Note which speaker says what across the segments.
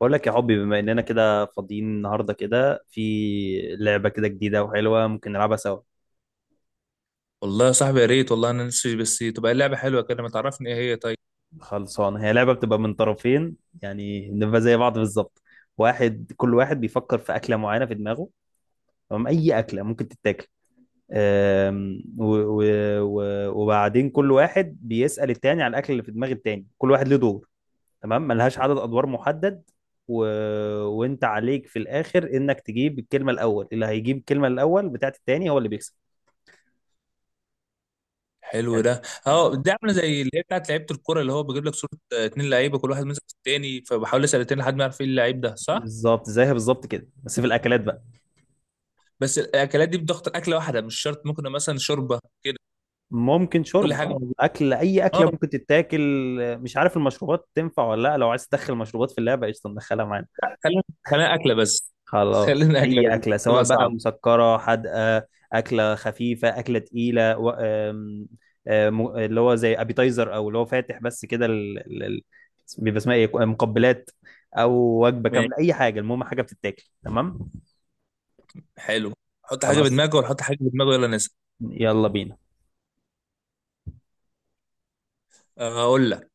Speaker 1: بقول لك يا حبي، بما اننا كده فاضيين النهارده، كده في لعبه كده جديده وحلوه ممكن نلعبها سوا.
Speaker 2: والله يا صاحبي، يا ريت والله، انا نفسي بس تبقى اللعبه حلوه كده. ما تعرفني ايه هي؟ طيب.
Speaker 1: خلصانه، هي لعبه بتبقى من طرفين. يعني بنبقى زي بعض بالظبط. كل واحد بيفكر في اكله معينه في دماغه. تمام، اي اكله ممكن تتاكل. أم، و- و- و- وبعدين كل واحد بيسال التاني على الاكل اللي في دماغ التاني، كل واحد له دور. تمام، ملهاش عدد ادوار محدد. و... وانت عليك في الاخر انك تجيب الكلمه الاول، اللي هيجيب الكلمه الاول بتاعت التاني هو اللي بيكسب.
Speaker 2: حلو
Speaker 1: كانت-
Speaker 2: ده. اه، دي عامله زي اللي هي بتاعت لعيبه الكوره، اللي هو بجيب لك صوره. اتنين لعيبه، كل واحد ماسك التاني، فبحاول اسال التاني لحد ما يعرف ايه اللعيب ده، صح؟
Speaker 1: بالظبط زيها بالظبط كده، بس في الاكلات بقى.
Speaker 2: بس الاكلات دي بضغط اكله واحده مش شرط، ممكن مثلا شوربه كده.
Speaker 1: ممكن
Speaker 2: كل
Speaker 1: شرب
Speaker 2: حاجه موجوده.
Speaker 1: اكل، اي
Speaker 2: اه.
Speaker 1: اكله ممكن تتاكل. مش عارف المشروبات تنفع ولا لا، لو عايز تدخل مشروبات في اللعبه قشطه ندخلها معانا.
Speaker 2: خلينا خلينا اكله بس
Speaker 1: خلاص،
Speaker 2: خلينا اكله
Speaker 1: اي
Speaker 2: بس.
Speaker 1: اكله، سواء
Speaker 2: تبقى
Speaker 1: بقى
Speaker 2: صعب.
Speaker 1: مسكره، حادقه، اكله خفيفه، اكله تقيله، و... آم، آم، اللي هو زي ابيتايزر، او اللي هو فاتح بس كده، بيبقى اسمها ايه، مقبلات، او وجبه
Speaker 2: ماشي،
Speaker 1: كامله، اي حاجه، المهم حاجه بتتاكل، تمام.
Speaker 2: حلو. حط حاجه في
Speaker 1: خلاص،
Speaker 2: دماغك ولا حط حاجه في دماغه؟ يلا نسال.
Speaker 1: يلا بينا.
Speaker 2: اقول لك.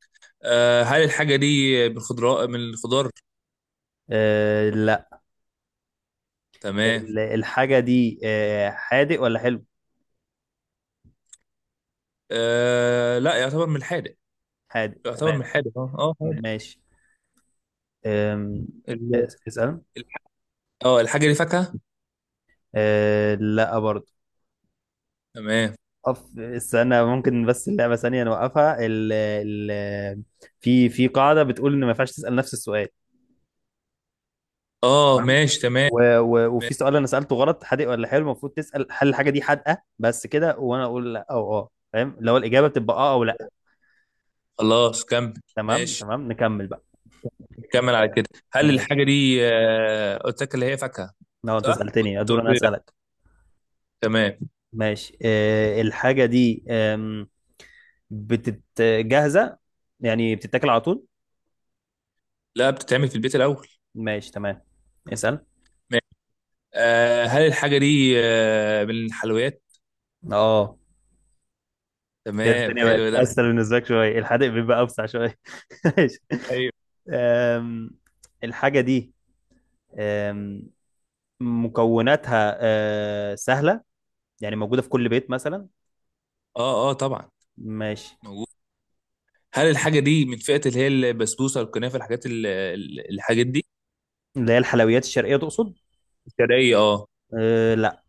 Speaker 2: هل الحاجه دي من الخضراء، من الخضار؟
Speaker 1: آه،
Speaker 2: تمام.
Speaker 1: الحاجة دي حادق ولا حلو؟
Speaker 2: آه، لا، يعتبر من الحادق.
Speaker 1: حادق،
Speaker 2: يعتبر
Speaker 1: تمام،
Speaker 2: من حادق، اه اه، حادق.
Speaker 1: ماشي. أم،
Speaker 2: ال-
Speaker 1: اسأل.
Speaker 2: ال- اه الحاجة دي فاكهة؟
Speaker 1: أه لا، برضه.
Speaker 2: تمام.
Speaker 1: استنى، ممكن بس اللعبة ثانية نوقفها. في قاعدة بتقول إن ما ينفعش تسأل نفس السؤال.
Speaker 2: اه،
Speaker 1: تمام.
Speaker 2: ماشي. تمام،
Speaker 1: وفي
Speaker 2: ماشي.
Speaker 1: سؤال أنا سألته غلط، حادق ولا حلو. المفروض تسأل هل الحاجة دي حادقة بس كده، وأنا أقول لا أو أه، فاهم، لو الإجابة بتبقى أه أو لا.
Speaker 2: خلاص، كمل.
Speaker 1: تمام
Speaker 2: ماشي،
Speaker 1: تمام، نكمل بقى.
Speaker 2: كمل على
Speaker 1: آه،
Speaker 2: كده. هل
Speaker 1: ماشي.
Speaker 2: الحاجة دي قلت لك اللي هي فاكهة؟
Speaker 1: لو أنت
Speaker 2: صح؟
Speaker 1: سألتني
Speaker 2: انت
Speaker 1: أدور
Speaker 2: قلت
Speaker 1: أنا
Speaker 2: لي لا.
Speaker 1: أسألك.
Speaker 2: تمام.
Speaker 1: ماشي، الحاجة دي آم، بتت جاهزة، يعني بتتاكل على طول؟
Speaker 2: لا، بتتعمل في البيت الأول.
Speaker 1: ماشي تمام، اسأل
Speaker 2: ماشي. هل الحاجة دي من الحلويات؟
Speaker 1: اه. كده
Speaker 2: تمام،
Speaker 1: الدنيا بقت
Speaker 2: حلو ده.
Speaker 1: أسهل بالنسبة لك شوية، الحادق بيبقى أوسع شوية ماشي.
Speaker 2: ايوه.
Speaker 1: آم، الحاجة دي، آم، مكوناتها سهلة، يعني موجودة في كل بيت مثلا.
Speaker 2: اه اه، طبعا.
Speaker 1: ماشي.
Speaker 2: موجود. هل الحاجة دي من فئة اللي هي البسبوسة، الكنافة، الحاجات الحاجات دي؟
Speaker 1: اللي هي الحلويات الشرقية تقصد؟
Speaker 2: الشرقية، اه.
Speaker 1: لا،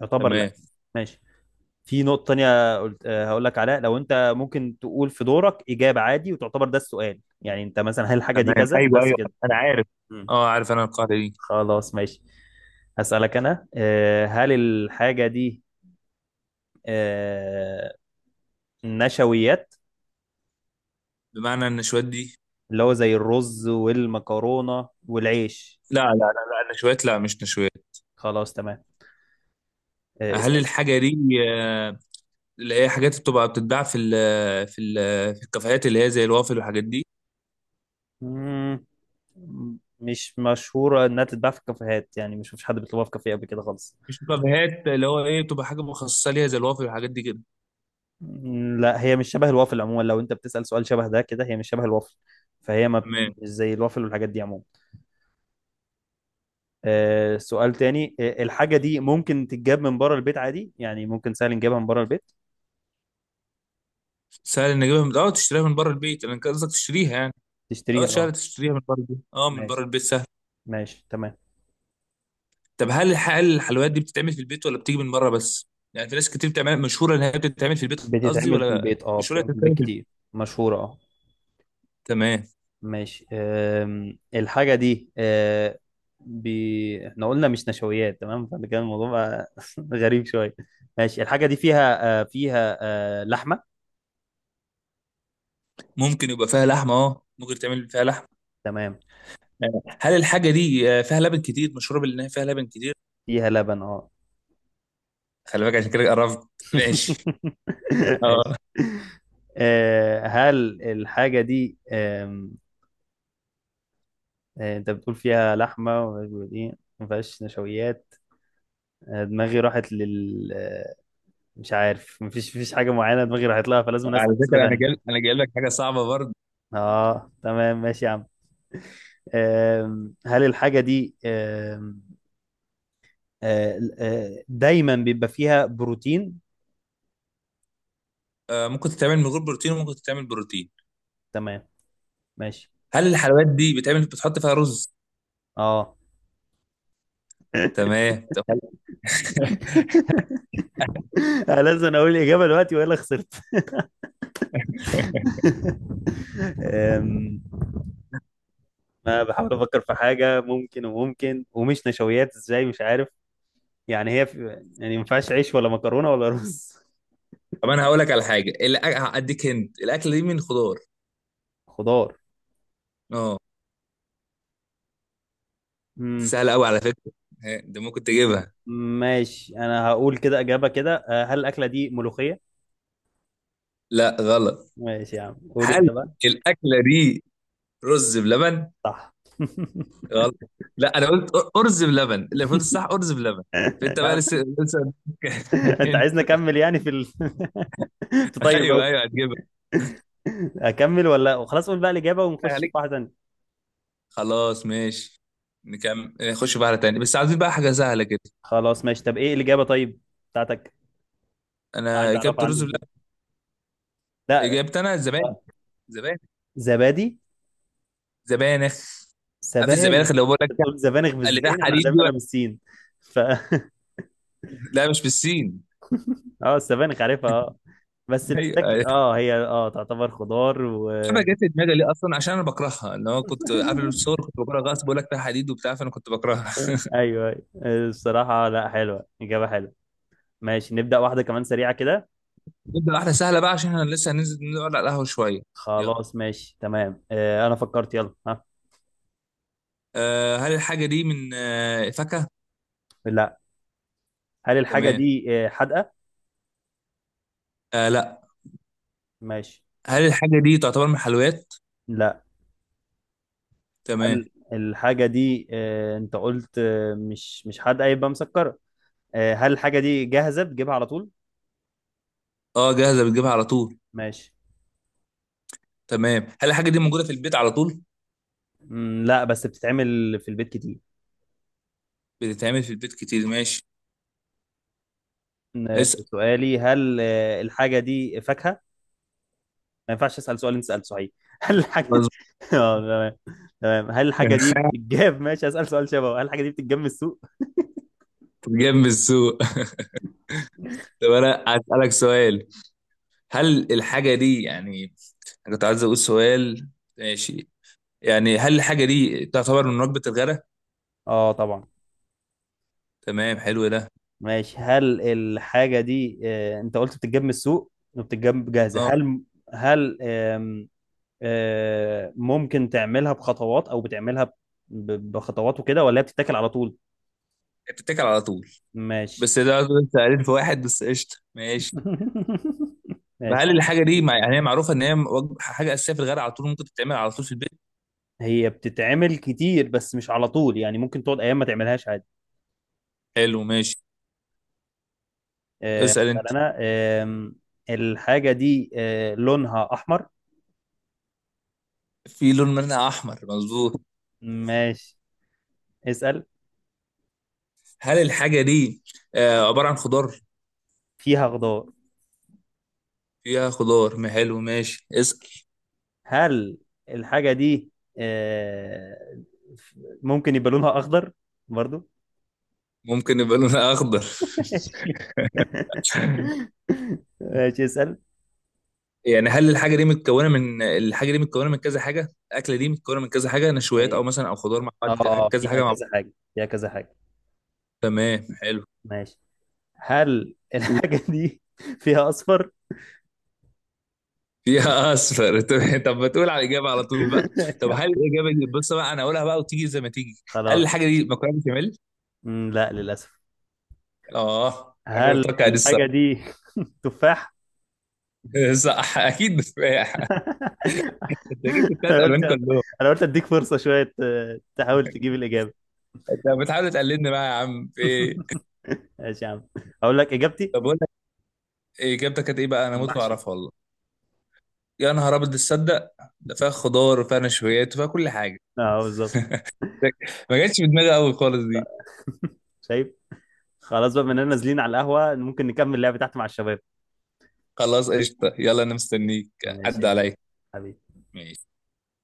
Speaker 1: يعتبر لا.
Speaker 2: تمام.
Speaker 1: ماشي، في نقطة تانية قلت هقول لك عليها. لو أنت ممكن تقول في دورك إجابة عادي وتعتبر ده السؤال، يعني أنت مثلا هل الحاجة دي
Speaker 2: تمام،
Speaker 1: كذا
Speaker 2: ايوه
Speaker 1: بس
Speaker 2: ايوه،
Speaker 1: كده.
Speaker 2: انا عارف.
Speaker 1: مم.
Speaker 2: اه، عارف انا القاعده دي.
Speaker 1: خلاص ماشي. هسألك أنا، هل الحاجة دي آه، نشويات،
Speaker 2: بمعنى النشويات دي؟
Speaker 1: اللي هو زي الرز والمكرونة والعيش؟
Speaker 2: لا لا لا لا، النشويات، لا، مش نشويات.
Speaker 1: خلاص تمام،
Speaker 2: هل
Speaker 1: اسأل.
Speaker 2: الحاجه دي آه، اللي هي حاجات بتبقى بتتباع في ال في الكافيهات، اللي هي زي الوافل والحاجات دي.
Speaker 1: مم، مش مشهورة إنها تتباع في الكافيهات، يعني مش مفيش حد بيطلبها في كافيه قبل كده خالص.
Speaker 2: مش كافيهات، اللي هو ايه، بتبقى حاجه مخصصه ليها زي الوافل والحاجات دي كده.
Speaker 1: مم، لا، هي مش شبه الوافل عموما، لو انت بتسأل سؤال شبه ده كده، هي مش شبه الوافل. فهي ما بت-
Speaker 2: تمام.
Speaker 1: مش زي الوافل والحاجات دي عموما. سؤال تاني، الحاجة دي ممكن تتجاب من بره البيت عادي، يعني ممكن سهل نجيبها من بره البيت؟
Speaker 2: سهل ان اجيبها من تشتريها من بره البيت؟ انا كان قصدك تشتريها يعني؟ اه،
Speaker 1: تشتريها اه.
Speaker 2: سهل تشتريها من بره البيت، اه، من بره
Speaker 1: ماشي
Speaker 2: البيت سهل.
Speaker 1: ماشي تمام.
Speaker 2: طب هل الحلويات دي بتتعمل في البيت ولا بتيجي من بره بس؟ يعني في ناس كتير بتعمل، مشهوره ان هي بتتعمل في البيت، قصدي،
Speaker 1: بتتعمل في
Speaker 2: ولا؟
Speaker 1: البيت اه،
Speaker 2: مشهوره
Speaker 1: بتتعمل في
Speaker 2: إنها
Speaker 1: البيت
Speaker 2: بتتعمل في
Speaker 1: كتير.
Speaker 2: البيت؟
Speaker 1: مشهورة اه.
Speaker 2: تمام.
Speaker 1: ماشي، الحاجة دي احنا قلنا مش نشويات تمام، فده كان الموضوع بقى غريب شوية، ماشي. الحاجة دي فيها لحمة.
Speaker 2: ممكن يبقى فيها لحمه، اه، ممكن تعمل فيها لحمه.
Speaker 1: تمام،
Speaker 2: هل الحاجه دي فيها لبن كتير، مشهوره بان هي فيها لبن كتير؟
Speaker 1: فيها لبن اه.
Speaker 2: خلي بالك، عشان كده قربت. ماشي. اه.
Speaker 1: ماشي. هل الحاجة دي، آم، آه، انت بتقول فيها لحمة ومش بتقول ايه ما فيهاش نشويات. دماغي راحت لل آه، مش عارف، مفيش حاجة معينة دماغي راحت لها، فلازم
Speaker 2: على
Speaker 1: أسأل أسئلة
Speaker 2: فكره، انا جايب
Speaker 1: تانية.
Speaker 2: انا جايب لك حاجه صعبه برضه.
Speaker 1: اه تمام، ماشي يا عم. هل الحاجة دي آم، آه، آه، دايما بيبقى فيها بروتين؟
Speaker 2: ممكن تتعمل من غير بروتين، وممكن تتعمل بروتين.
Speaker 1: تمام ماشي
Speaker 2: هل الحلويات دي بتعمل، بتحط فيها رز؟
Speaker 1: اه.
Speaker 2: تمام.
Speaker 1: لازم اقول الاجابه دلوقتي والا خسرت؟ أم، ما بحاول افكر في حاجه ممكن وممكن ومش نشويات ازاي، مش عارف. يعني هي في يعني ما ينفعش عيش ولا مكرونه ولا رز.
Speaker 2: طب انا هقول لك على حاجه، هديك، هنت، الاكله دي من خضار.
Speaker 1: خضار،
Speaker 2: اه، دي
Speaker 1: امم
Speaker 2: سهلة أوي على فكرة. ها، ده ممكن تجيبها.
Speaker 1: ماشي، انا هقول كده اجابه كده، هل الاكله دي ملوخيه؟
Speaker 2: لا، غلط.
Speaker 1: ماشي يا عم، قول انت
Speaker 2: هل
Speaker 1: بقى.
Speaker 2: الأكلة دي رز بلبن؟
Speaker 1: صح
Speaker 2: غلط. لا، أنا قلت أرز بلبن، اللي المفروض الصح أرز بلبن.
Speaker 1: يا
Speaker 2: أنت بقى،
Speaker 1: عم،
Speaker 2: لسه لسه
Speaker 1: انت
Speaker 2: أنت.
Speaker 1: عايزني اكمل، يعني في طيب
Speaker 2: أيوه
Speaker 1: أوي.
Speaker 2: أيوه، هتجيبها.
Speaker 1: اكمل ولا خلاص قول بقى الاجابه
Speaker 2: بالله
Speaker 1: ونخش في
Speaker 2: عليك.
Speaker 1: واحده ثانيه؟
Speaker 2: خلاص، ماشي. نكمل، نخش بقى على تاني، بس عايزين بقى حاجة سهلة كده.
Speaker 1: خلاص ماشي، طب ايه الاجابه طيب بتاعتك؟
Speaker 2: أنا
Speaker 1: عايز
Speaker 2: إجابة
Speaker 1: اعرفها،
Speaker 2: الرز
Speaker 1: عندي
Speaker 2: بلبن.
Speaker 1: فضول. لا.
Speaker 2: إجابتي أنا الزبانخ.
Speaker 1: آه،
Speaker 2: زبانخ.
Speaker 1: زبادي،
Speaker 2: زبانخ. عارف
Speaker 1: سبانخ.
Speaker 2: الزبانخ، اللي هو بقول
Speaker 1: انت
Speaker 2: لك.
Speaker 1: بتقول سبانخ
Speaker 2: اللي فيها
Speaker 1: بالزين، احنا
Speaker 2: حديد دي،
Speaker 1: عندنا
Speaker 2: ولا-
Speaker 1: بالسين. ف
Speaker 2: لا، مش بالسين.
Speaker 1: اه، السبانخ عارفها اه. بس
Speaker 2: ايوه
Speaker 1: بتتاكل،
Speaker 2: أيوه.
Speaker 1: هي تعتبر خضار
Speaker 2: حاجه جت في دماغي ليه اصلا عشان انا بكرهها، ان هو كنت قبل الصور كنت بكره غصب، بقول لك فيها حديد وبتاع، فانا كنت بكرهها.
Speaker 1: ايوه، أيوة. الصراحه، لا، حلوه، اجابه حلوه. ماشي نبدا واحده كمان سريعه كده.
Speaker 2: نبدا واحده سهله بقى، عشان احنا لسه هننزل نقعد على القهوه شويه. يلا.
Speaker 1: خلاص ماشي تمام، انا فكرت، يلا ها.
Speaker 2: هل الحاجه دي من فاكهه؟
Speaker 1: لا. هل الحاجه
Speaker 2: تمام.
Speaker 1: دي حادقه؟
Speaker 2: أه، لا.
Speaker 1: ماشي،
Speaker 2: هل الحاجه دي تعتبر من حلويات؟
Speaker 1: لا.
Speaker 2: تمام.
Speaker 1: هل الحاجه دي، انت قلت، مش حادقه، يبقى مسكره. هل الحاجه دي جاهزه بتجيبها على طول؟
Speaker 2: اه، جاهزه بتجيبها على طول.
Speaker 1: ماشي.
Speaker 2: تمام. هل الحاجه دي موجوده في البيت على طول؟
Speaker 1: مم، لا، بس بتتعمل في البيت كتير.
Speaker 2: بتتعمل في البيت كتير، ماشي. اسال.
Speaker 1: سؤالي، هل الحاجة دي فاكهة؟ ما ينفعش أسأل سؤال أنت سألته صحيح هل الحاجة
Speaker 2: مظبوط.
Speaker 1: اه تمام. تمام، هل الحاجة دي بتتجاب ماشي، أسأل سؤال شبهه، هل الحاجة دي بتتجاب من السوق؟
Speaker 2: جنب السوق. طب انا هسالك سؤال. هل الحاجه دي يعني، أنا كنت عايز اقول سؤال. ماشي. يعني هل الحاجه دي تعتبر من وجبه الغداء؟
Speaker 1: اه طبعا.
Speaker 2: تمام، حلو ده.
Speaker 1: ماشي، هل الحاجة دي، أنت قلت بتتجاب من السوق وبتتجاب جاهزة.
Speaker 2: اه،
Speaker 1: هل هل آم، آه، ممكن تعملها بخطوات أو بتعملها بخطوات وكده، ولا هي بتتاكل على طول؟
Speaker 2: بتتاكل على طول.
Speaker 1: ماشي.
Speaker 2: بس ده انت قليل في واحد بس، قشطه، ماشي. طب
Speaker 1: ماشي،
Speaker 2: هل الحاجه دي مع، يعني هي معروفه ان هي حاجه اساسيه في الغداء، على طول ممكن تتعمل على طول في البيت؟
Speaker 1: هي بتتعمل كتير بس مش على طول، يعني ممكن تقعد ايام ما تعملهاش عادي.
Speaker 2: حلو، ماشي. اسال
Speaker 1: هسأل
Speaker 2: انت.
Speaker 1: انا. آم، الحاجة دي لونها احمر؟
Speaker 2: في لون منها احمر، مظبوط.
Speaker 1: ماشي، اسأل.
Speaker 2: هل الحاجه دي عباره عن خضار؟
Speaker 1: فيها خضار.
Speaker 2: فيها خضار، ما حلو، ماشي، اسال.
Speaker 1: هل الحاجة دي آه، ممكن يبقى لونها اخضر برضو؟
Speaker 2: ممكن يبقى لونها اخضر.
Speaker 1: ماشي. ماشي، اسأل.
Speaker 2: يعني هل الحاجه دي متكونه من، الحاجه دي متكونه من كذا حاجه، الاكله دي متكونه من كذا حاجه، نشويات
Speaker 1: أي-
Speaker 2: او مثلا او خضار مع بعض؟ كذا
Speaker 1: فيها
Speaker 2: حاجه مع.
Speaker 1: كذا حاجة، فيها كذا حاجة.
Speaker 2: تمام، حلو.
Speaker 1: ماشي. هل الحاجة دي فيها اصفر؟
Speaker 2: فيها اصفر. طب ما تقول على الاجابه على طول بقى؟
Speaker 1: ماشي،
Speaker 2: طب هل الاجابه دي، بص بقى انا اقولها بقى وتيجي زي ما تيجي. هل
Speaker 1: خلاص.
Speaker 2: الحاجه دي مكرونه بشاميل؟
Speaker 1: مم، لا للأسف.
Speaker 2: اه، انا
Speaker 1: هل
Speaker 2: كنت متوقع دي
Speaker 1: الحاجة
Speaker 2: الصراحه.
Speaker 1: دي تفاح؟
Speaker 2: صح، اكيد بتفاح. انت جبت الثلاث
Speaker 1: أنا قلت
Speaker 2: الوان كلهم.
Speaker 1: أنا قلت أديك فرصة شوية تحاول تجيب الإجابة.
Speaker 2: انت بتحاول تقلدني بقى يا عم، في ايه؟
Speaker 1: ماشي يا عم، أقول لك إجابتي:
Speaker 2: طب اقول لك. إيه، اجابتك كانت ايه بقى؟ انا موت
Speaker 1: المحشي.
Speaker 2: واعرفها والله. يا نهار ابيض، تصدق. ده فيها خضار وفيها نشويات وفيها كل حاجه.
Speaker 1: أه بالظبط
Speaker 2: ما جاتش في دماغي قوي خالص دي.
Speaker 1: شايف؟ خلاص بقى، بما إننا نازلين على القهوة ممكن نكمل اللعبة تحت مع الشباب.
Speaker 2: خلاص، قشطه، يلا انا مستنيك.
Speaker 1: ماشي يا
Speaker 2: عدى
Speaker 1: كبير،
Speaker 2: عليا.
Speaker 1: حبيبي.
Speaker 2: ماشي.